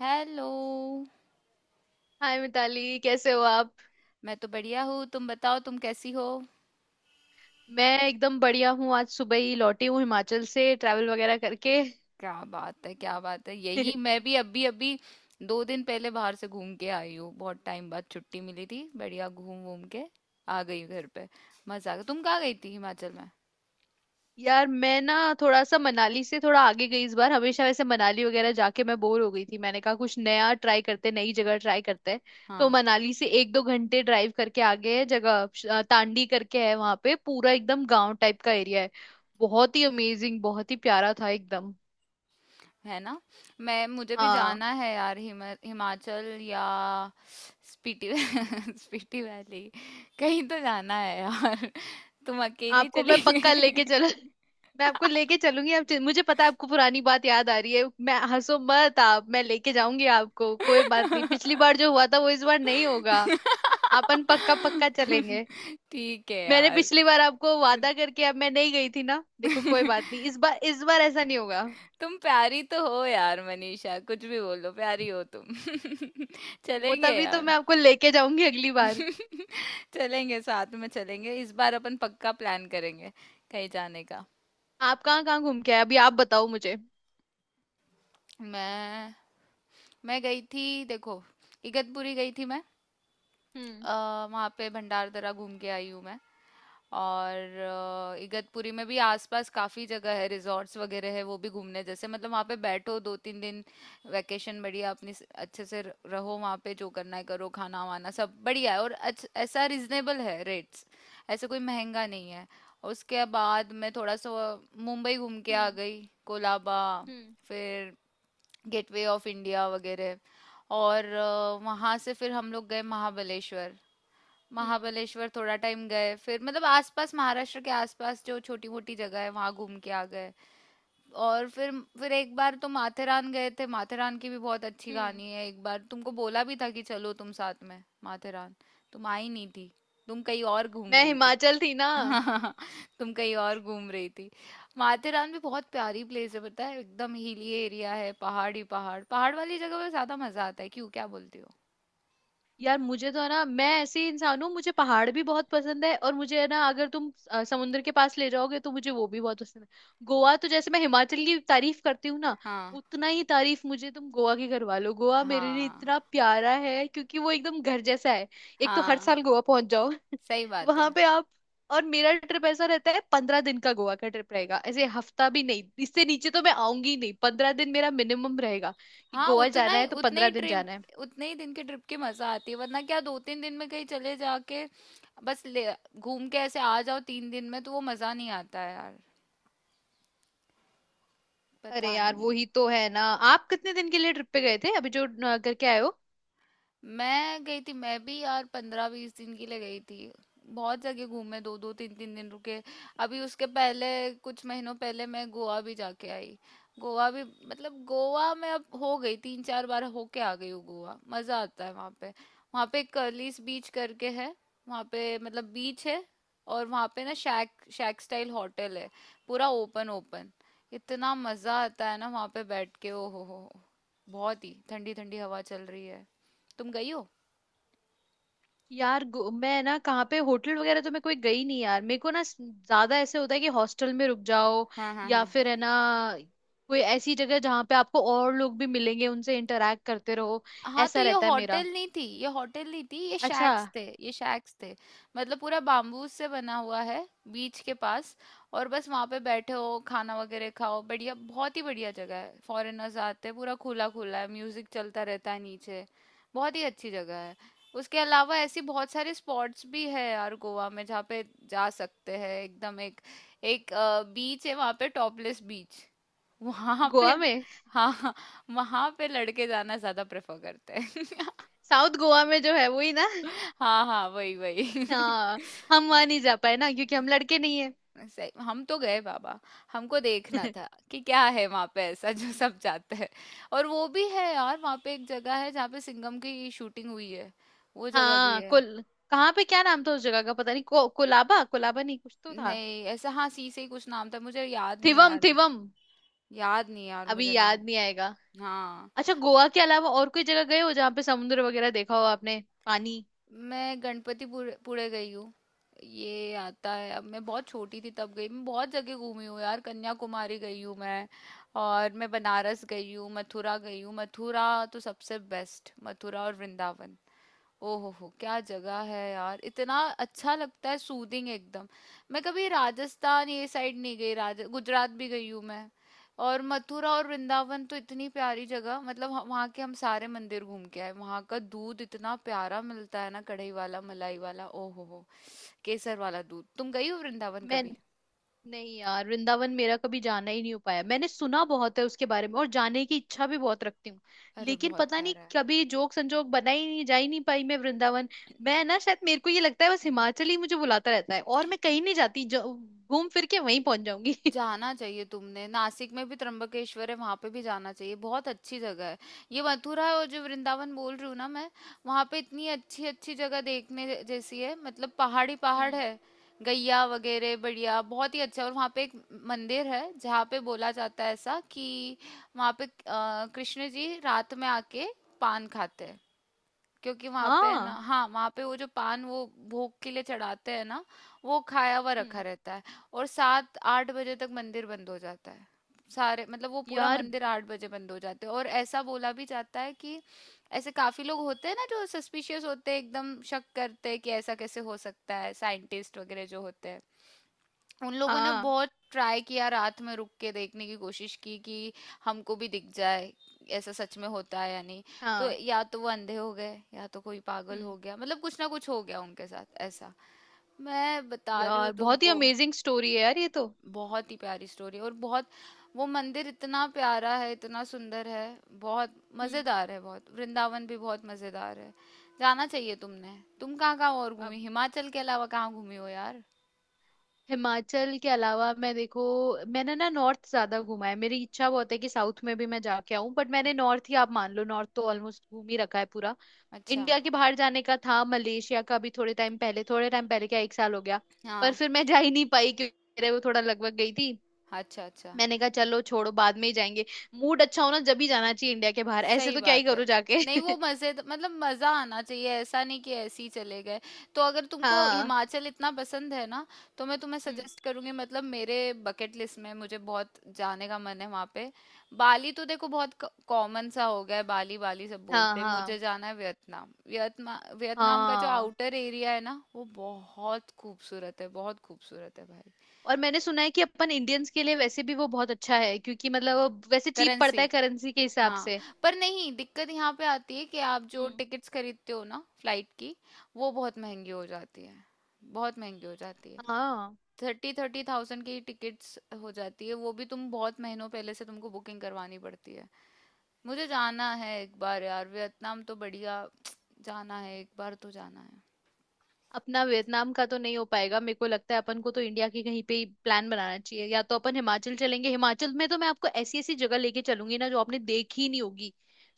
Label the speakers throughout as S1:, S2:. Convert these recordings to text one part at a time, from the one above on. S1: Hello.
S2: Hi Mitali, कैसे हो आप।
S1: मैं तो बढ़िया हूँ, तुम बताओ तुम कैसी हो?
S2: मैं एकदम बढ़िया हूँ, आज सुबह ही लौटी हूँ हिमाचल से ट्रैवल वगैरह करके।
S1: क्या बात है, क्या बात है, यही मैं भी अभी अभी 2 दिन पहले बाहर से घूम के आई हूँ। बहुत टाइम बाद छुट्टी मिली थी, बढ़िया घूम घूम के आ गई हूँ घर पे। मजा आ गया। तुम कहाँ गई थी हिमाचल में?
S2: यार, मैं ना थोड़ा सा मनाली से थोड़ा आगे गई इस बार। हमेशा वैसे मनाली वगैरह जाके मैं बोर हो गई थी, मैंने कहा कुछ नया ट्राई करते, नई जगह ट्राई करते हैं। तो
S1: हाँ।
S2: मनाली से एक दो घंटे ड्राइव करके आगे है जगह, तांडी करके है, वहां पे पूरा एकदम गांव टाइप का एरिया है। बहुत ही अमेजिंग, बहुत ही प्यारा था एकदम।
S1: है ना। मैं मुझे भी
S2: हाँ,
S1: जाना है यार, हिमाचल या स्पीति। स्पीति वैली। कहीं तो जाना है यार। तुम अकेली
S2: आपको मैं
S1: चली
S2: पक्का लेके
S1: गई?
S2: चल। मैं आपको लेके चलूंगी, आप मुझे पता है आपको पुरानी बात याद आ रही है, मैं, हंसो मत आप, मैं लेके जाऊंगी आपको, कोई बात नहीं, पिछली बार जो हुआ था वो इस बार नहीं होगा। अपन पक्का पक्का चलेंगे।
S1: ठीक है
S2: मैंने
S1: यार।
S2: पिछली बार आपको वादा करके अब मैं नहीं गई थी ना, देखो कोई बात नहीं, इस बार इस बार ऐसा नहीं होगा।
S1: तुम प्यारी तो हो यार मनीषा, कुछ भी बोलो, प्यारी हो तुम।
S2: वो
S1: चलेंगे
S2: तभी तो
S1: यार।
S2: मैं आपको लेके जाऊंगी अगली बार।
S1: चलेंगे, साथ में चलेंगे, इस बार अपन पक्का प्लान करेंगे कहीं जाने का।
S2: आप कहाँ कहाँ घूम के आए अभी, आप बताओ मुझे।
S1: मैं मैं गई थी देखो। इगतपुरी गई थी मैं।
S2: हम्म।
S1: अ, वहाँ पे भंडार दरा घूम के आई हूँ मैं। और इगतपुरी में भी आसपास काफी जगह है, रिजॉर्ट्स वगैरह है, वो भी घूमने जैसे, मतलब वहाँ पे बैठो 2-3 दिन वैकेशन, बढ़िया अपनी अच्छे से रहो वहाँ पे, जो करना है करो, खाना वाना सब बढ़िया है और ऐसा रिजनेबल है रेट्स। ऐसे कोई महंगा नहीं है। उसके बाद मैं थोड़ा सा मुंबई घूम के आ
S2: हम्म।
S1: गई, कोलाबा,
S2: हम्म।
S1: फिर गेटवे ऑफ इंडिया वगैरह। और वहाँ से फिर हम लोग गए महाबलेश्वर।
S2: हम्म।
S1: महाबलेश्वर थोड़ा टाइम गए, फिर मतलब आसपास महाराष्ट्र के आसपास जो छोटी मोटी जगह है वहां घूम के आ गए। और फिर एक बार तो माथेरान गए थे। माथेरान की भी बहुत अच्छी
S2: हम्म।
S1: कहानी है, एक बार तुमको बोला भी था कि चलो तुम साथ में माथेरान। तुम आई नहीं थी, तुम कहीं और घूम
S2: मैं
S1: रही थी।
S2: हिमाचल थी ना।
S1: तुम कहीं और घूम रही थी। माथेरान भी बहुत प्यारी प्लेस है, पता है, एकदम हिली एरिया है, पहाड़ ही पहाड़, पहाड़ वाली जगह पे ज्यादा मजा आता है, क्यों, क्या बोलती हो?
S2: यार मुझे तो है ना, मैं ऐसे ही इंसान हूँ, मुझे पहाड़ भी बहुत पसंद है, और मुझे है ना, अगर तुम समुद्र के पास ले जाओगे तो मुझे वो भी बहुत पसंद है। गोवा, तो जैसे मैं हिमाचल की तारीफ करती हूँ ना,
S1: हाँ,
S2: उतना ही तारीफ मुझे तुम गोवा की करवा लो। गोवा मेरे लिए
S1: हाँ,
S2: इतना प्यारा है क्योंकि वो एकदम घर जैसा है। एक तो हर
S1: हाँ।
S2: साल गोवा पहुंच जाओ।
S1: सही बात है।
S2: वहां पे आप, और मेरा ट्रिप ऐसा रहता है, 15 दिन का गोवा का ट्रिप रहेगा, ऐसे हफ्ता भी नहीं, इससे नीचे तो मैं आऊंगी ही नहीं, 15 दिन मेरा मिनिमम रहेगा कि
S1: हाँ,
S2: गोवा
S1: उतना
S2: जाना
S1: ही,
S2: है तो
S1: उतने
S2: पंद्रह
S1: ही
S2: दिन
S1: ट्रिप,
S2: जाना है।
S1: उतने ही दिन के ट्रिप की मजा आती है, वरना क्या 2-3 दिन में कहीं चले जाके, बस ले, घूम के ऐसे आ जाओ तीन दिन में, तो वो मजा नहीं आता है यार।
S2: अरे
S1: पता
S2: यार, वो
S1: नहीं।
S2: ही तो है ना। आप कितने दिन के लिए ट्रिप पे गए थे अभी जो न, करके आए हो।
S1: मैं गई थी, मैं भी यार 15-20 दिन के लिए गई थी। बहुत जगह घूमे, दो दो तीन तीन दिन रुके। अभी उसके पहले, कुछ महीनों पहले मैं गोवा भी जाके आई, गोवा भी। मतलब गोवा में अब हो गई 3-4 बार होके आ गई हूँ। गोवा मजा आता है वहाँ पे। वहाँ पे कर्लिस बीच करके है, वहाँ पे मतलब बीच है, और वहाँ पे ना शैक शैक स्टाइल होटल है, पूरा ओपन ओपन। इतना मजा आता है ना वहाँ पे बैठ के, ओ हो, बहुत ही ठंडी ठंडी हवा चल रही है। तुम गई हो?
S2: यार, मैं ना, कहाँ पे होटल वगैरह तो मैं कोई गई नहीं यार, मेरे को ना ज्यादा ऐसे होता है कि हॉस्टल में रुक जाओ,
S1: हाँ, हाँ,
S2: या
S1: हाँ,
S2: फिर है ना, कोई ऐसी जगह जहाँ पे आपको और लोग भी मिलेंगे, उनसे इंटरेक्ट करते रहो,
S1: हाँ तो
S2: ऐसा
S1: ये
S2: रहता है मेरा।
S1: होटल नहीं थी, ये होटल नहीं थी, ये
S2: अच्छा।
S1: शैक्स थे, ये शैक्स थे। मतलब पूरा बाम्बू से बना हुआ है, बीच के पास, और बस वहां पे बैठे हो, खाना वगैरह खाओ बढ़िया, बहुत ही बढ़िया जगह है, फॉरेनर्स आते हैं, पूरा खुला खुला है, म्यूजिक चलता रहता है नीचे। बहुत ही अच्छी जगह है। उसके अलावा ऐसी बहुत सारे स्पॉट्स भी है यार गोवा में जहाँ पे जा सकते हैं, एकदम एक, एक बीच है वहां पे, टॉपलेस बीच। वहां पे,
S2: गोवा में,
S1: हाँ, वहां पे लड़के जाना ज्यादा प्रेफर करते हैं।
S2: साउथ गोवा में जो है वही ना।
S1: हाँ हाँ, वही वही।
S2: हाँ, हम वहां नहीं जा पाए ना क्योंकि हम लड़के नहीं है।
S1: सही, हम तो गए बाबा, हमको देखना था कि क्या है वहां पे ऐसा जो सब जाते हैं। और वो भी है यार, वहां पे एक जगह है जहाँ पे सिंघम की शूटिंग हुई है, वो जगह भी
S2: हाँ
S1: है।
S2: कुल, कहाँ पे, क्या नाम था उस जगह का, पता नहीं, कोलाबा, कोलाबा नहीं, कुछ तो था।
S1: नहीं ऐसा, हाँ, सी से ही कुछ नाम था, मुझे याद नहीं आ
S2: थिवम
S1: रहा।
S2: थिवम।
S1: याद नहीं यार
S2: अभी
S1: मुझे नाम।
S2: याद नहीं आएगा।
S1: हाँ,
S2: अच्छा, गोवा के अलावा और कोई जगह गए हो जहाँ पे समुद्र वगैरह देखा हो आपने, पानी।
S1: मैं गणपतिपुर पुणे गई हूँ, ये आता है। अब मैं बहुत छोटी थी तब गई, मैं बहुत जगह घूमी हूँ यार। कन्याकुमारी गई हूँ मैं, और मैं बनारस गई हूँ, मथुरा गई हूँ, मथुरा तो सबसे बेस्ट, मथुरा और वृंदावन, ओहो हो, क्या जगह है यार, इतना अच्छा लगता है, सूदिंग एकदम। मैं कभी राजस्थान ये साइड नहीं गई, राज गुजरात भी गई हूँ मैं। और मथुरा और वृंदावन तो इतनी प्यारी जगह, मतलब वहाँ के हम सारे मंदिर घूम के आए, वहाँ का दूध इतना प्यारा मिलता है ना, कढ़ाई वाला, मलाई वाला, ओहो हो, केसर वाला दूध। तुम गई हो वृंदावन
S2: मैं
S1: कभी?
S2: नहीं यार, वृंदावन मेरा कभी जाना ही नहीं हो पाया, मैंने सुना बहुत है उसके बारे में और जाने की इच्छा भी बहुत रखती हूँ।
S1: अरे
S2: लेकिन
S1: बहुत
S2: पता नहीं
S1: प्यारा है।
S2: कभी जोक संजोग बना ही नहीं, जा ही नहीं पाई मैं वृंदावन। मैं ना शायद, मेरे को ये लगता है, बस हिमाचल ही मुझे बुलाता रहता है और मैं कहीं नहीं जाती, जो घूम फिर के वहीं पहुंच जाऊंगी।
S1: जाना चाहिए तुमने। नासिक में भी त्र्यंबकेश्वर है, वहां पे भी जाना चाहिए, बहुत अच्छी जगह है। ये मथुरा और जो वृंदावन बोल रही हूँ ना मैं, वहां पे इतनी अच्छी अच्छी जगह देखने जैसी है, मतलब पहाड़ी पहाड़
S2: हम्म।
S1: है, गैया वगैरह, बढ़िया बहुत ही अच्छा। और वहां पे एक मंदिर है जहाँ पे बोला जाता है ऐसा कि वहां पे कृष्ण जी रात में आके पान खाते हैं, क्योंकि वहां पे है ना,
S2: हाँ।
S1: हाँ, वहां पे वो जो पान वो भोग के लिए चढ़ाते हैं ना, वो खाया हुआ रखा
S2: हम्म।
S1: रहता है। और 7-8 बजे तक मंदिर बंद हो जाता है, सारे मतलब वो पूरा
S2: यार।
S1: मंदिर 8 बजे बंद हो जाते हैं। और ऐसा बोला भी जाता है कि ऐसे काफी लोग होते हैं ना जो सस्पिशियस होते हैं, एकदम शक करते हैं कि ऐसा कैसे हो सकता है, साइंटिस्ट वगैरह जो होते हैं, उन लोगों ने
S2: हाँ।
S1: बहुत ट्राई किया, रात में रुक के देखने की कोशिश की कि हमको भी दिख जाए ऐसा सच में होता है या नहीं। तो
S2: हाँ।
S1: या तो वो अंधे हो गए, या तो कोई पागल
S2: हम्म।
S1: हो गया, मतलब कुछ ना कुछ हो गया उनके साथ ऐसा, मैं बता रही हूँ
S2: यार, बहुत ही
S1: तुमको।
S2: अमेजिंग स्टोरी है यार ये तो।
S1: बहुत ही प्यारी स्टोरी, और बहुत, वो मंदिर इतना प्यारा है, इतना सुंदर है, बहुत
S2: हम्म।
S1: मजेदार है, बहुत वृंदावन भी बहुत मजेदार है। जाना चाहिए तुमने। तुम कहाँ कहाँ और
S2: अब
S1: घूमी हिमाचल के अलावा, कहाँ घूमी हो यार?
S2: हिमाचल के अलावा, मैं देखो, मैंने ना नॉर्थ ज्यादा घूमा है, मेरी इच्छा बहुत है कि साउथ में भी मैं जाके आऊं, बट मैंने नॉर्थ ही, आप मान लो नॉर्थ तो ऑलमोस्ट घूम ही रखा है पूरा।
S1: अच्छा।
S2: इंडिया के बाहर जाने का था, मलेशिया का भी, थोड़े टाइम पहले, थोड़े टाइम पहले क्या, एक साल हो गया। पर
S1: हाँ।
S2: फिर मैं जा ही नहीं पाई क्योंकि मेरे वो थोड़ा लगभग गई थी,
S1: अच्छा, अच्छा।
S2: मैंने कहा चलो छोड़ो, बाद में ही जाएंगे। मूड अच्छा हो ना, जब ही जाना चाहिए इंडिया के बाहर, ऐसे
S1: सही
S2: तो क्या ही
S1: बात है।
S2: करो जाके।
S1: नहीं, वो मजे मतलब मजा आना चाहिए, ऐसा नहीं कि ऐसे ही चले गए। तो अगर तुमको
S2: हाँ।
S1: हिमाचल इतना पसंद है ना, तो मैं तुम्हें
S2: हम्म।
S1: सजेस्ट करूंगी, मतलब मेरे बकेट लिस्ट में मुझे बहुत जाने का मन है वहां पे। बाली, तो देखो बहुत कॉमन सा हो गया है बाली, बाली सब
S2: हाँ।
S1: बोलते हैं।
S2: हाँ।
S1: मुझे जाना है वियतनाम, वियतनाम, वियतनाम का जो
S2: हाँ,
S1: आउटर एरिया है ना वो बहुत खूबसूरत है, बहुत खूबसूरत है भाई।
S2: और मैंने सुना है कि अपन इंडियंस के लिए वैसे भी वो बहुत अच्छा है, क्योंकि मतलब वो वैसे चीप पड़ता
S1: करेंसी,
S2: है करेंसी के हिसाब
S1: हाँ,
S2: से।
S1: पर नहीं, दिक्कत यहाँ पे आती है कि आप जो
S2: हम्म।
S1: टिकट्स खरीदते हो ना फ्लाइट की, वो बहुत महंगी हो जाती है, बहुत महंगी हो जाती है।
S2: हाँ।
S1: थर्टी थर्टी थाउजेंड की टिकट्स हो जाती है, वो भी तुम बहुत महीनों पहले से तुमको बुकिंग करवानी पड़ती है। मुझे जाना है एक बार यार वियतनाम, तो बढ़िया जाना है, एक बार तो जाना है
S2: अपना वियतनाम का तो नहीं हो पाएगा, मेरे को लगता है। अपन को तो इंडिया के कहीं पे ही प्लान बनाना चाहिए, या तो अपन हिमाचल चलेंगे। हिमाचल में तो मैं आपको ऐसी ऐसी जगह लेके चलूंगी ना जो आपने देखी ही नहीं होगी,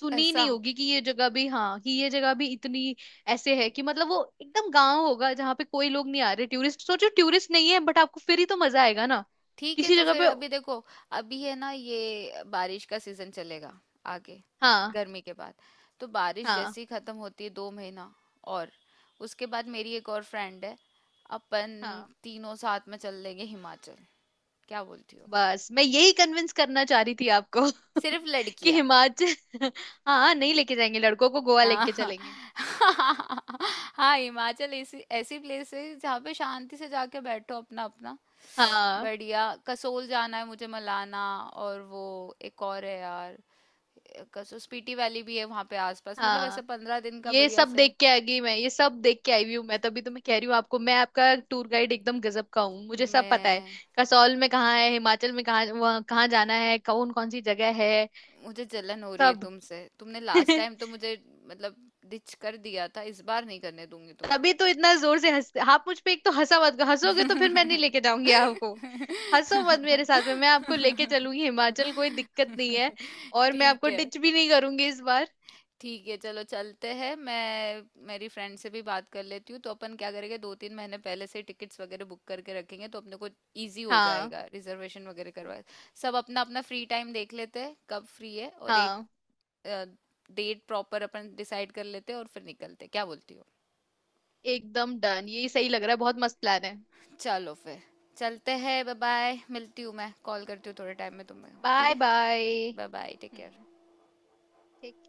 S2: सुनी ही
S1: ऐसा।
S2: नहीं होगी कि ये जगह भी, हाँ, कि ये जगह भी इतनी ऐसे है कि, मतलब वो एकदम गांव होगा जहाँ पे कोई लोग नहीं आ रहे टूरिस्ट, सोचो टूरिस्ट नहीं है, बट आपको फिर ही तो मजा आएगा ना
S1: ठीक है,
S2: किसी
S1: तो
S2: जगह
S1: फिर
S2: पे।
S1: अभी देखो, अभी है ना, ये बारिश का सीजन चलेगा आगे
S2: हाँ।
S1: गर्मी के बाद, तो बारिश
S2: हाँ।
S1: जैसे ही खत्म होती है 2 महीना, और उसके बाद, मेरी एक और फ्रेंड है, अपन
S2: हाँ।
S1: तीनों साथ में चल लेंगे हिमाचल, क्या बोलती हो,
S2: बस मैं यही कन्विंस करना चाह रही थी आपको।
S1: सिर्फ
S2: कि
S1: लड़कियां।
S2: हिमाचल। हाँ, नहीं, लेके जाएंगे लड़कों को गोवा लेके
S1: हाँ।
S2: चलेंगे।
S1: हाँ हिमाचल ऐसी ऐसी प्लेस है जहाँ पे शांति से जाके बैठो अपना अपना,
S2: हाँ।
S1: बढ़िया। कसोल जाना है मुझे, मलाना, और वो एक और है यार, कसौस्पीटी वैली भी है वहां पे आसपास, मतलब
S2: हाँ,
S1: ऐसे 15 दिन का
S2: ये
S1: बढ़िया
S2: सब
S1: से।
S2: देख के आ गई मैं, ये सब देख के आई हुई हूँ मैं, तभी तो मैं कह रही हूँ आपको, मैं आपका टूर गाइड एकदम गजब का हूँ, मुझे सब पता है
S1: मैं
S2: कसौल में कहाँ है, हिमाचल में कहाँ, वहाँ कहाँ जाना है, कौन कौन सी जगह है
S1: मुझे जलन हो रही है
S2: सब।
S1: तुमसे, तुमने लास्ट टाइम तो मुझे मतलब डिच कर दिया था, इस बार नहीं करने दूंगी तुमको।
S2: तभी तो इतना जोर से हंस आप मुझ पे। एक तो हंसा मत, हंसोगे तो फिर मैं नहीं लेके जाऊंगी आपको। हंसो मत मेरे साथ में, मैं आपको लेके चलूंगी हिमाचल, कोई दिक्कत नहीं है। और मैं
S1: ठीक
S2: आपको
S1: है।
S2: डिच भी नहीं करूंगी इस बार।
S1: ठीक है, चलो चलते हैं, मैं मेरी फ्रेंड से भी बात कर लेती हूँ, तो अपन क्या करेंगे, 2-3 महीने पहले से टिकट्स वगैरह बुक करके रखेंगे, तो अपने को इजी हो
S2: हाँ।
S1: जाएगा रिजर्वेशन वगैरह करवा, सब अपना अपना फ्री टाइम देख लेते हैं कब फ्री है, और एक
S2: हाँ,
S1: डेट प्रॉपर अपन डिसाइड कर लेते हैं और फिर निकलते हैं। क्या बोलती हो?
S2: एकदम डन, ये सही लग रहा है, बहुत मस्त प्लान है।
S1: चलो फिर, चलते हैं, बाय बाय, मिलती हूँ, मैं कॉल करती हूँ थोड़े टाइम में तुम्हें, ठीक
S2: बाय
S1: है,
S2: bye.
S1: Bye bye, take
S2: hmm.
S1: Care.
S2: ठीक।